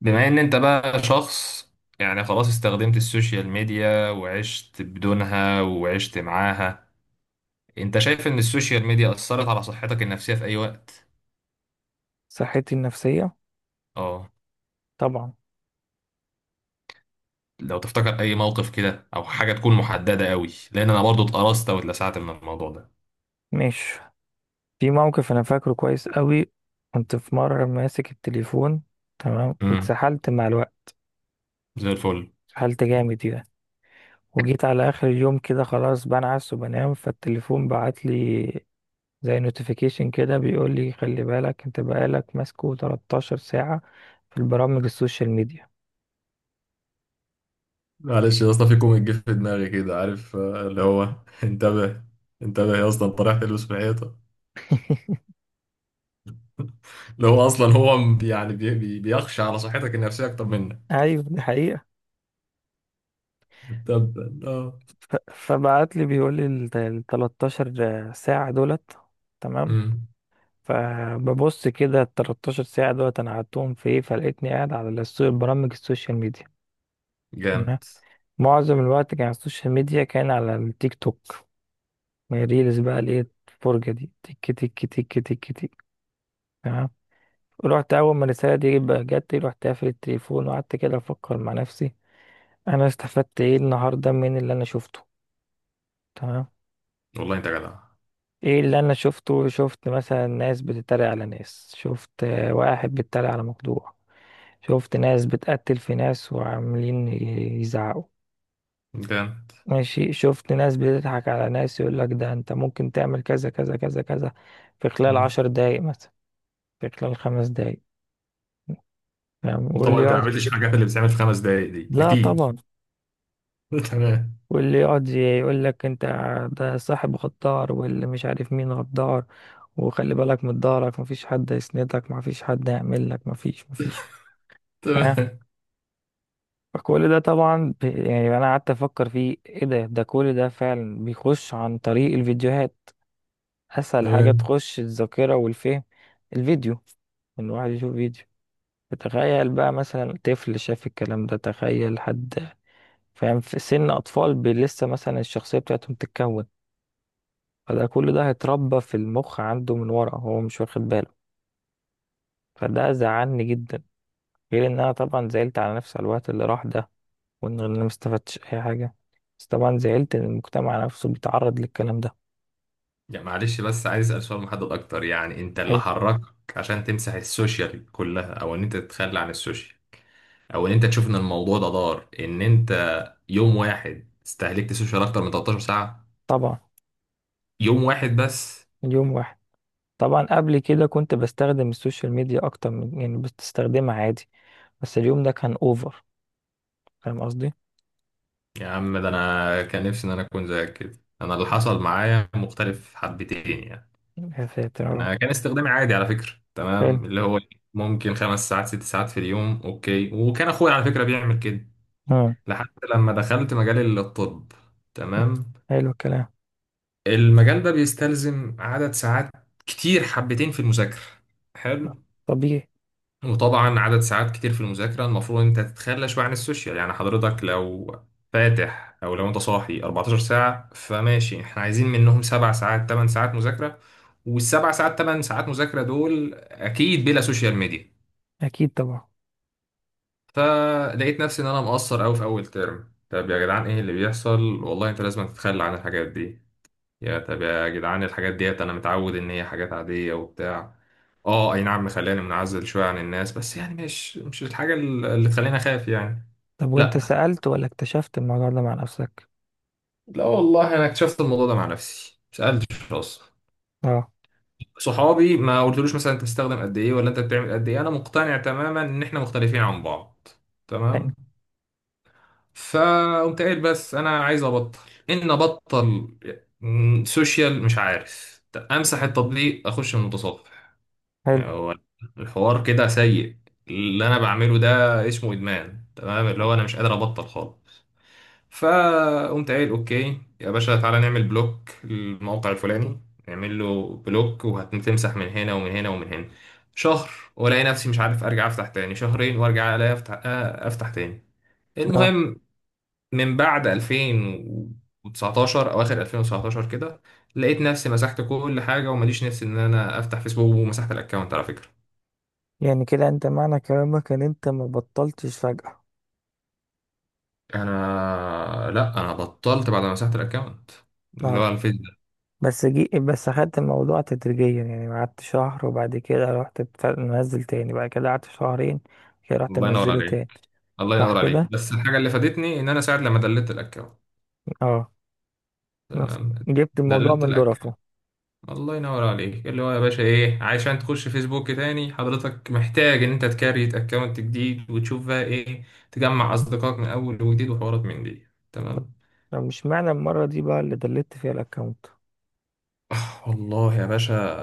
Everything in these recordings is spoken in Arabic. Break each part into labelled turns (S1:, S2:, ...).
S1: بما ان انت بقى شخص، يعني خلاص استخدمت السوشيال ميديا وعشت بدونها وعشت معاها. انت شايف ان السوشيال ميديا اثرت على صحتك النفسية في اي وقت؟
S2: صحتي النفسية،
S1: اه.
S2: طبعا.
S1: لو تفتكر اي موقف كده او حاجة تكون محددة قوي، لان انا برضو اتقرصت واتلسعت من الموضوع ده.
S2: مش في موقف أنا فاكره كويس قوي. كنت في مرة ماسك التليفون، تمام،
S1: امم
S2: واتسحلت مع الوقت.
S1: زي الفل.
S2: اتسحلت جامد يعني، وجيت على آخر اليوم كده خلاص بنعس وبنام فالتليفون بعت لي زي نوتيفيكيشن كده بيقول لي خلي بالك انت بقالك ماسكه 13 ساعة في البرامج السوشيال ميديا.
S1: معلش يا اسطى، في كوميك جه في دماغي كده، عارف اللي هو انتبه، انتبه يا اسطى انت رايح تلبس في الحيطه. اللي هو اصلا هو بيخشى على صحتك النفسيه اكتر منك.
S2: ايوه، دي حقيقة.
S1: طب.
S2: فبعت لي بيقول لي ال 13 ساعة دولت، تمام.
S1: امم.
S2: فببص كده ال 13 ساعة دولت أنا قعدتهم في إيه، فلقيتني قاعد على برامج السوشيال ميديا، تمام.
S1: جامد.
S2: معظم الوقت كان على السوشيال ميديا، كان على التيك توك، من ريلز بقى اللي هي الفرجة دي، تك تك تك تك تك، تمام. رحت أول ما الرسالة دي بقى جت، رحت قافل التليفون وقعدت كده أفكر مع نفسي أنا استفدت إيه النهاردة من اللي أنا شفته، تمام.
S1: والله انت جدع.
S2: ايه اللي انا شفته؟ شفت مثلا ناس بتتريق على ناس، شفت واحد بيتريق على مخدوع، شفت ناس بتقتل في ناس وعاملين يزعقوا،
S1: جامد.
S2: ماشي، شفت ناس بتضحك على ناس، يقول لك ده انت ممكن تعمل كذا كذا كذا كذا في خلال
S1: امم.
S2: 10 دقايق مثلا، في خلال 5 دقايق، فاهم؟ واللي
S1: طبعا انت ما
S2: يقعد
S1: عملتش الحاجات اللي بتتعمل في خمس دقايق دي،
S2: لا
S1: اكيد.
S2: طبعا.
S1: تمام.
S2: واللي يقعد يقول لك انت ده صاحب غدار، واللي مش عارف مين غدار، وخلي بالك من ضهرك، مفيش حد يسندك، مفيش حد يعمل لك، مفيش.
S1: تمام.
S2: فكل ده طبعا يعني انا قعدت افكر فيه ايه ده كل ده فعلا بيخش عن طريق الفيديوهات. اسهل حاجة
S1: تمام.
S2: تخش الذاكرة والفهم الفيديو، ان الواحد يشوف فيديو. تخيل بقى مثلا طفل شاف الكلام ده، تخيل حد فاهم في سن اطفال لسه مثلا الشخصية بتاعتهم تتكون. فده كل ده هيتربى في المخ عنده من ورا هو مش واخد باله، فده زعلني جدا. غير ان انا طبعا زعلت على نفسي على الوقت اللي راح ده، وان انا ما استفدتش اي حاجه. بس طبعا زعلت ان المجتمع نفسه بيتعرض للكلام ده.
S1: يعني معلش، بس عايز اسال سؤال محدد اكتر، يعني انت اللي
S2: حلو.
S1: حركك عشان تمسح السوشيال كلها او ان انت تتخلى عن السوشيال، او ان انت تشوف ان الموضوع ده ضار، ان انت يوم واحد استهلكت السوشيال اكتر من 13 ساعه؟
S2: طبعا.
S1: يوم واحد بس.
S2: اليوم واحد؟ طبعا، قبل كده كنت بستخدم السوشيال ميديا اكتر من، يعني بستخدمها عادي، بس اليوم ده كان اوفر، فاهم قصدي؟
S1: يا عم، ده انا كان نفسي ان انا اكون زيك كده، انا اللي حصل معايا مختلف حبتين يعني.
S2: يا ساتر يا رب.
S1: انا كان استخدامي عادي على فكره،
S2: حلو.
S1: تمام، اللي هو ممكن خمس ساعات ست ساعات في اليوم، اوكي. وكان اخويا على فكره بيعمل كده
S2: اه.
S1: لحد لما دخلت مجال الطب. تمام.
S2: حلو الكلام.
S1: المجال ده بيستلزم عدد ساعات كتير حبتين في المذاكره. حلو.
S2: طبيعي.
S1: وطبعا عدد ساعات كتير في المذاكرة المفروض انت تتخلى شوية عن السوشيال، يعني حضرتك لو فاتح او لو انت صاحي 14 ساعة، فماشي، احنا عايزين منهم سبع ساعات 8 ساعات مذاكرة، والسبع ساعات 8 ساعات مذاكرة دول اكيد بلا سوشيال ميديا.
S2: اكيد طبعا.
S1: فلقيت نفسي ان انا مقصر قوي في اول ترم طب، يا جدعان ايه اللي بيحصل، والله انت لازم تتخلى عن الحاجات دي يا طب، يا جدعان الحاجات ديت انا متعود ان هي حاجات عادية وبتاع، اه اي نعم مخلاني منعزل شوية عن الناس، بس يعني مش الحاجة اللي تخليني اخاف يعني.
S2: طب وانت
S1: لا.
S2: سألت ولا اكتشفت الموضوع ده مع نفسك؟
S1: والله انا اكتشفت الموضوع ده مع نفسي، مسألتش اصلا.
S2: اه.
S1: صحابي ما قلتلوش مثلا انت بتستخدم قد ايه ولا انت بتعمل قد ايه، انا مقتنع تماما ان احنا مختلفين عن بعض.
S2: يعني.
S1: تمام. فقمت قايل بس انا عايز ابطل، ان ابطل، سوشيال مش عارف، امسح التطبيق، اخش من المتصفح.
S2: حلو.
S1: هو الحوار كده سيء، اللي انا بعمله ده اسمه ادمان، تمام، اللي هو انا مش قادر ابطل خالص. فقمت قايل اوكي يا باشا، تعالى نعمل بلوك للموقع الفلاني، نعمل له بلوك، وهتمسح من هنا ومن هنا ومن هنا. شهر، والاقي نفسي مش عارف ارجع افتح تاني. شهرين، وارجع الاقي افتح افتح تاني.
S2: اه.
S1: المهم، من بعد 2019، اواخر 2019 كده، لقيت نفسي مسحت كل حاجه وماليش نفسي ان انا افتح فيسبوك، ومسحت الاكونت على فكره.
S2: يعني كده انت معنى كلامك ان انت ما بطلتش فجأة؟
S1: انا لا، انا بطلت بعد ما مسحت الاكونت اللي
S2: اه.
S1: هو الفيس ده.
S2: بس اخدت الموضوع تدريجيا، يعني قعدت شهر، وبعد كده رحت منزل تاني، بعد كده قعدت شهرين كده، رحت
S1: الله ينور
S2: منزله تاني.
S1: عليك. الله
S2: صح
S1: ينور عليك،
S2: كده.
S1: بس الحاجه اللي فادتني ان انا ساعه لما دلت الاكونت.
S2: اه. بس
S1: تمام.
S2: جبت الموضوع
S1: دلت
S2: من ظرفه.
S1: الاكونت. الله ينور عليك، اللي هو يا باشا ايه عشان تخش فيسبوك تاني، حضرتك محتاج ان انت تكريت اكونت جديد وتشوف بقى ايه، تجمع اصدقائك من اول وجديد وحوارات من دي. تمام.
S2: طب مش معنى المرة دي بقى اللي دلت فيها الاكونت؟
S1: والله يا باشا،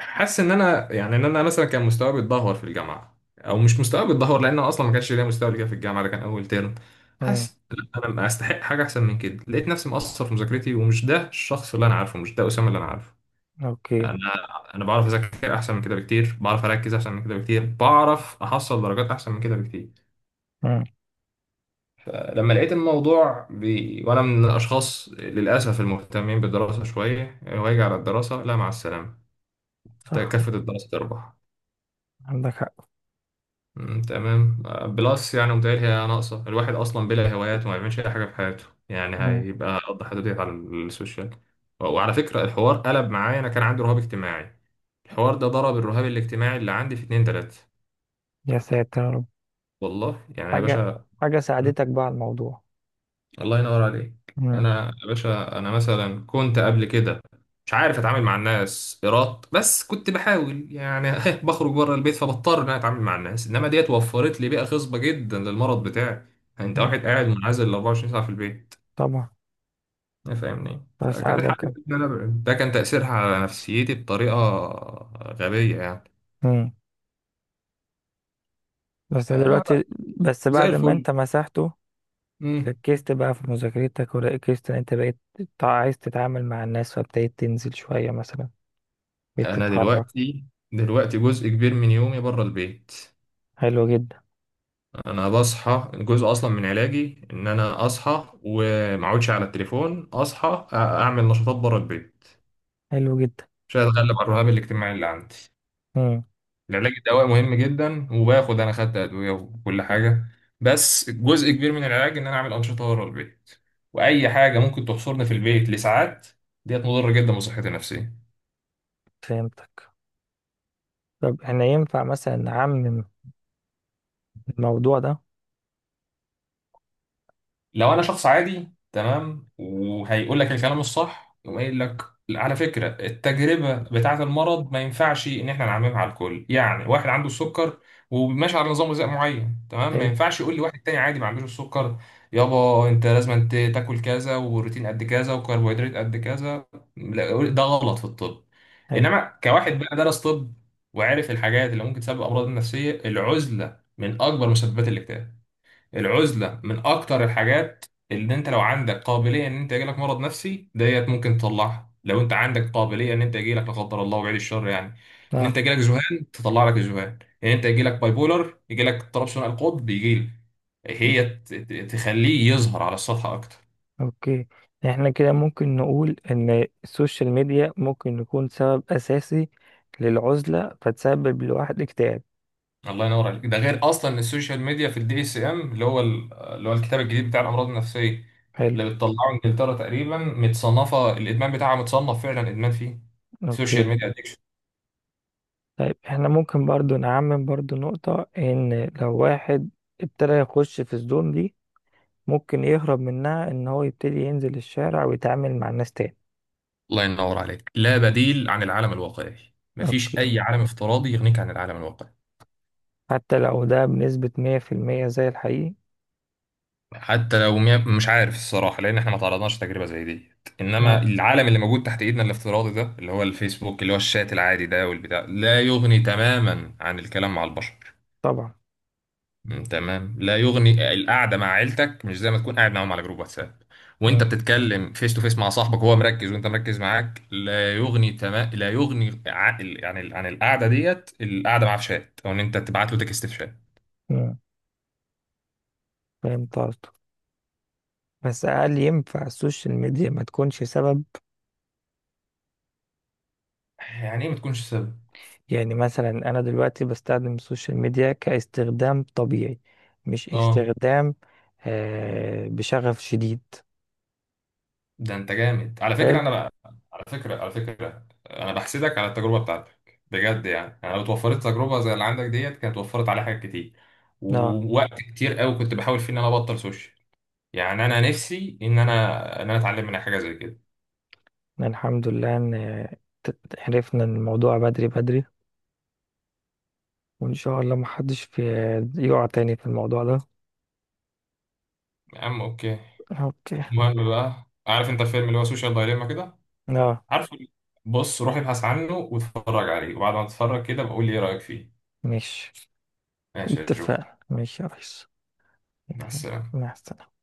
S1: حاسس ان انا يعني ان انا مثلا كان مستواي بيتدهور في الجامعه، او مش مستواي بيتدهور لان أنا اصلا ما كانش ليا مستوى قبل كده في الجامعه، ده كان اول ترم.
S2: امم.
S1: حاسس لأ، انا استحق حاجه احسن من كده، لقيت نفسي مقصر في مذاكرتي، ومش ده الشخص اللي انا عارفه، مش ده اسامه اللي انا عارفه.
S2: اوكي.
S1: انا انا بعرف اذاكر احسن من كده بكتير، بعرف اركز احسن من كده بكتير، بعرف احصل درجات احسن من كده بكتير.
S2: امم.
S1: لما لقيت الموضوع وانا من الاشخاص للاسف المهتمين بالدراسه شويه، واجي على الدراسه لا مع السلامه، ده كافه
S2: صح.
S1: الدراسه تربح.
S2: عندك حق.
S1: تمام بلس يعني متهيألي هي ناقصة، الواحد أصلا بلا هوايات وما بيعملش أي حاجة في حياته، يعني
S2: امم.
S1: هيبقى قضى حياته ديت على السوشيال. وعلى فكرة الحوار قلب معايا، أنا كان عندي رهاب اجتماعي، الحوار ده ضرب الرهاب الاجتماعي اللي عندي في اتنين تلاتة.
S2: يا ساتر يا رب.
S1: والله يعني يا
S2: حاجة
S1: باشا.
S2: حاجة ساعدتك بقى على الموضوع؟
S1: الله ينور عليك،
S2: امم.
S1: انا يا باشا انا مثلا كنت قبل كده مش عارف اتعامل مع الناس ايراد، بس كنت بحاول يعني بخرج بره البيت فبضطر ان انا اتعامل مع الناس، انما ديت وفرت لي بيئه خصبه جدا للمرض بتاعي، يعني انت
S2: لا
S1: واحد قاعد منعزل 24 ساعه في البيت،
S2: طبعا.
S1: إيه فاهمني، فكان الحل
S2: بساعدك.
S1: إن أنا أبعد. ده كان تاثيرها على نفسيتي بطريقه غبيه يعني.
S2: امم. بس
S1: أنا
S2: دلوقتي بس
S1: زي
S2: بعد ما
S1: الفل.
S2: انت مسحته
S1: مم.
S2: ركزت بقى في مذاكرتك، وركزت ان انت بقيت عايز تتعامل مع الناس، فابتديت تنزل شوية مثلا، بقيت
S1: انا
S2: تتحرك.
S1: دلوقتي، دلوقتي جزء كبير من يومي بره البيت.
S2: حلو جدا.
S1: انا بصحى، جزء اصلا من علاجي ان انا اصحى وما اقعدش على التليفون، اصحى اعمل نشاطات بره البيت
S2: حلو جدا.
S1: عشان اتغلب على الرهاب الاجتماعي اللي عندي.
S2: امم.
S1: العلاج الدوائي مهم جدا، وباخد، انا خدت ادويه وكل حاجه، بس جزء كبير من العلاج ان انا اعمل انشطه بره البيت. واي حاجه ممكن تحصرني في البيت لساعات ديت مضره جدا بصحتي النفسيه.
S2: فهمتك. طب احنا ينفع مثلا نعمم الموضوع ده؟
S1: لو انا شخص عادي تمام وهيقول لك الكلام الصح، يقوم قايل لك على فكره التجربه بتاعه المرض ما ينفعش ان احنا نعممها على الكل. يعني واحد عنده السكر وماشي على نظام غذائي معين، تمام، ما
S2: حلو.
S1: ينفعش يقول لي واحد تاني عادي ما عندوش السكر يابا انت لازم انت تاكل كذا، وبروتين قد كذا، وكربوهيدرات قد كذا، لا، ده غلط في الطب.
S2: حلو.
S1: انما كواحد بقى درس طب، وعارف الحاجات اللي ممكن تسبب امراض نفسيه، العزله من اكبر مسببات الاكتئاب. العزلة من أكتر الحاجات اللي أنت لو عندك قابلية إن أنت يجيلك مرض نفسي، ديت ممكن تطلعها، لو أنت عندك قابلية إن أنت يجيلك لا قدر الله وبعيد الشر يعني، إن
S2: اه.
S1: أنت يجيلك ذهان تطلع لك الذهان، إن أنت يجيلك باي بولر يجيلك اضطراب ثنائي القطب، يجيلك، هي تخليه يظهر على السطح أكتر.
S2: اوكي. احنا كده ممكن نقول ان السوشيال ميديا ممكن نكون سبب اساسي للعزلة، فتسبب لواحد اكتئاب.
S1: الله ينور عليك. ده غير أصلا إن السوشيال ميديا في الدي اس إم اللي هو اللي هو الكتاب الجديد بتاع الأمراض النفسية
S2: حلو.
S1: اللي بتطلعه إنجلترا، تقريبا متصنفة، الإدمان بتاعها متصنف فعلا إدمان فيه سوشيال
S2: اوكي.
S1: ميديا.
S2: طيب احنا ممكن برضو نعمم برضو نقطة ان لو واحد ابتدى يخش في الزون دي، ممكن يهرب منها ان هو يبتدي ينزل الشارع ويتعامل مع الناس تاني.
S1: الله ينور عليك، لا بديل عن العالم الواقعي، مفيش
S2: اوكي.
S1: اي عالم افتراضي يغنيك عن العالم الواقعي.
S2: حتى لو ده بنسبة 100% زي الحقيقي.
S1: حتى لو مش عارف الصراحه، لان احنا ما تعرضناش لتجربه زي دي،
S2: نعم.
S1: انما العالم اللي موجود تحت ايدنا الافتراضي ده اللي هو الفيسبوك، اللي هو الشات العادي ده والبتاع، لا يغني تماما عن الكلام مع البشر.
S2: طبعا.
S1: تمام. لا يغني القعده مع عيلتك مش زي ما تكون قاعد معاهم على جروب واتساب،
S2: مم.
S1: وانت بتتكلم فيس تو فيس مع صاحبك وهو مركز وانت مركز معاك، لا يغني، تمام، لا يغني عن القعده ديت، القعده معاه في شات او ان انت تبعت له تكست في شات.
S2: مم. فهمت قصدك. بس هل ينفع السوشيال ميديا ما تكونش سبب؟
S1: يعني ايه ما تكونش سبب؟
S2: يعني مثلا أنا دلوقتي بستخدم السوشيال ميديا كاستخدام طبيعي، مش
S1: اه.
S2: استخدام بشغف شديد.
S1: ده انت جامد على
S2: حلو.
S1: فكره، انا بقى، على فكره، انا بحسدك على التجربه بتاعتك بجد يعني، انا لو اتوفرت تجربه زي اللي عندك ديت كانت وفرت عليا حاجات كتير
S2: اه.
S1: ووقت كتير قوي كنت بحاول فيه ان انا ابطل سوشيال، يعني انا نفسي ان انا اتعلم منها حاجه زي كده.
S2: الحمد لله ان عرفنا الموضوع بدري بدري، وان شاء الله محدش يقع تاني في الموضوع ده.
S1: يا عم اوكي.
S2: اوكي.
S1: المهم بقى، عارف انت الفيلم اللي هو سوشيال دايليما كده؟
S2: اه.
S1: عارفه؟ بص روح ابحث عنه واتفرج عليه، وبعد ما تتفرج كده بقول لي ايه رايك فيه.
S2: مش
S1: ماشي يا جو.
S2: اتفقنا مش يا ريس؟
S1: مع السلامه.
S2: مع السلامة.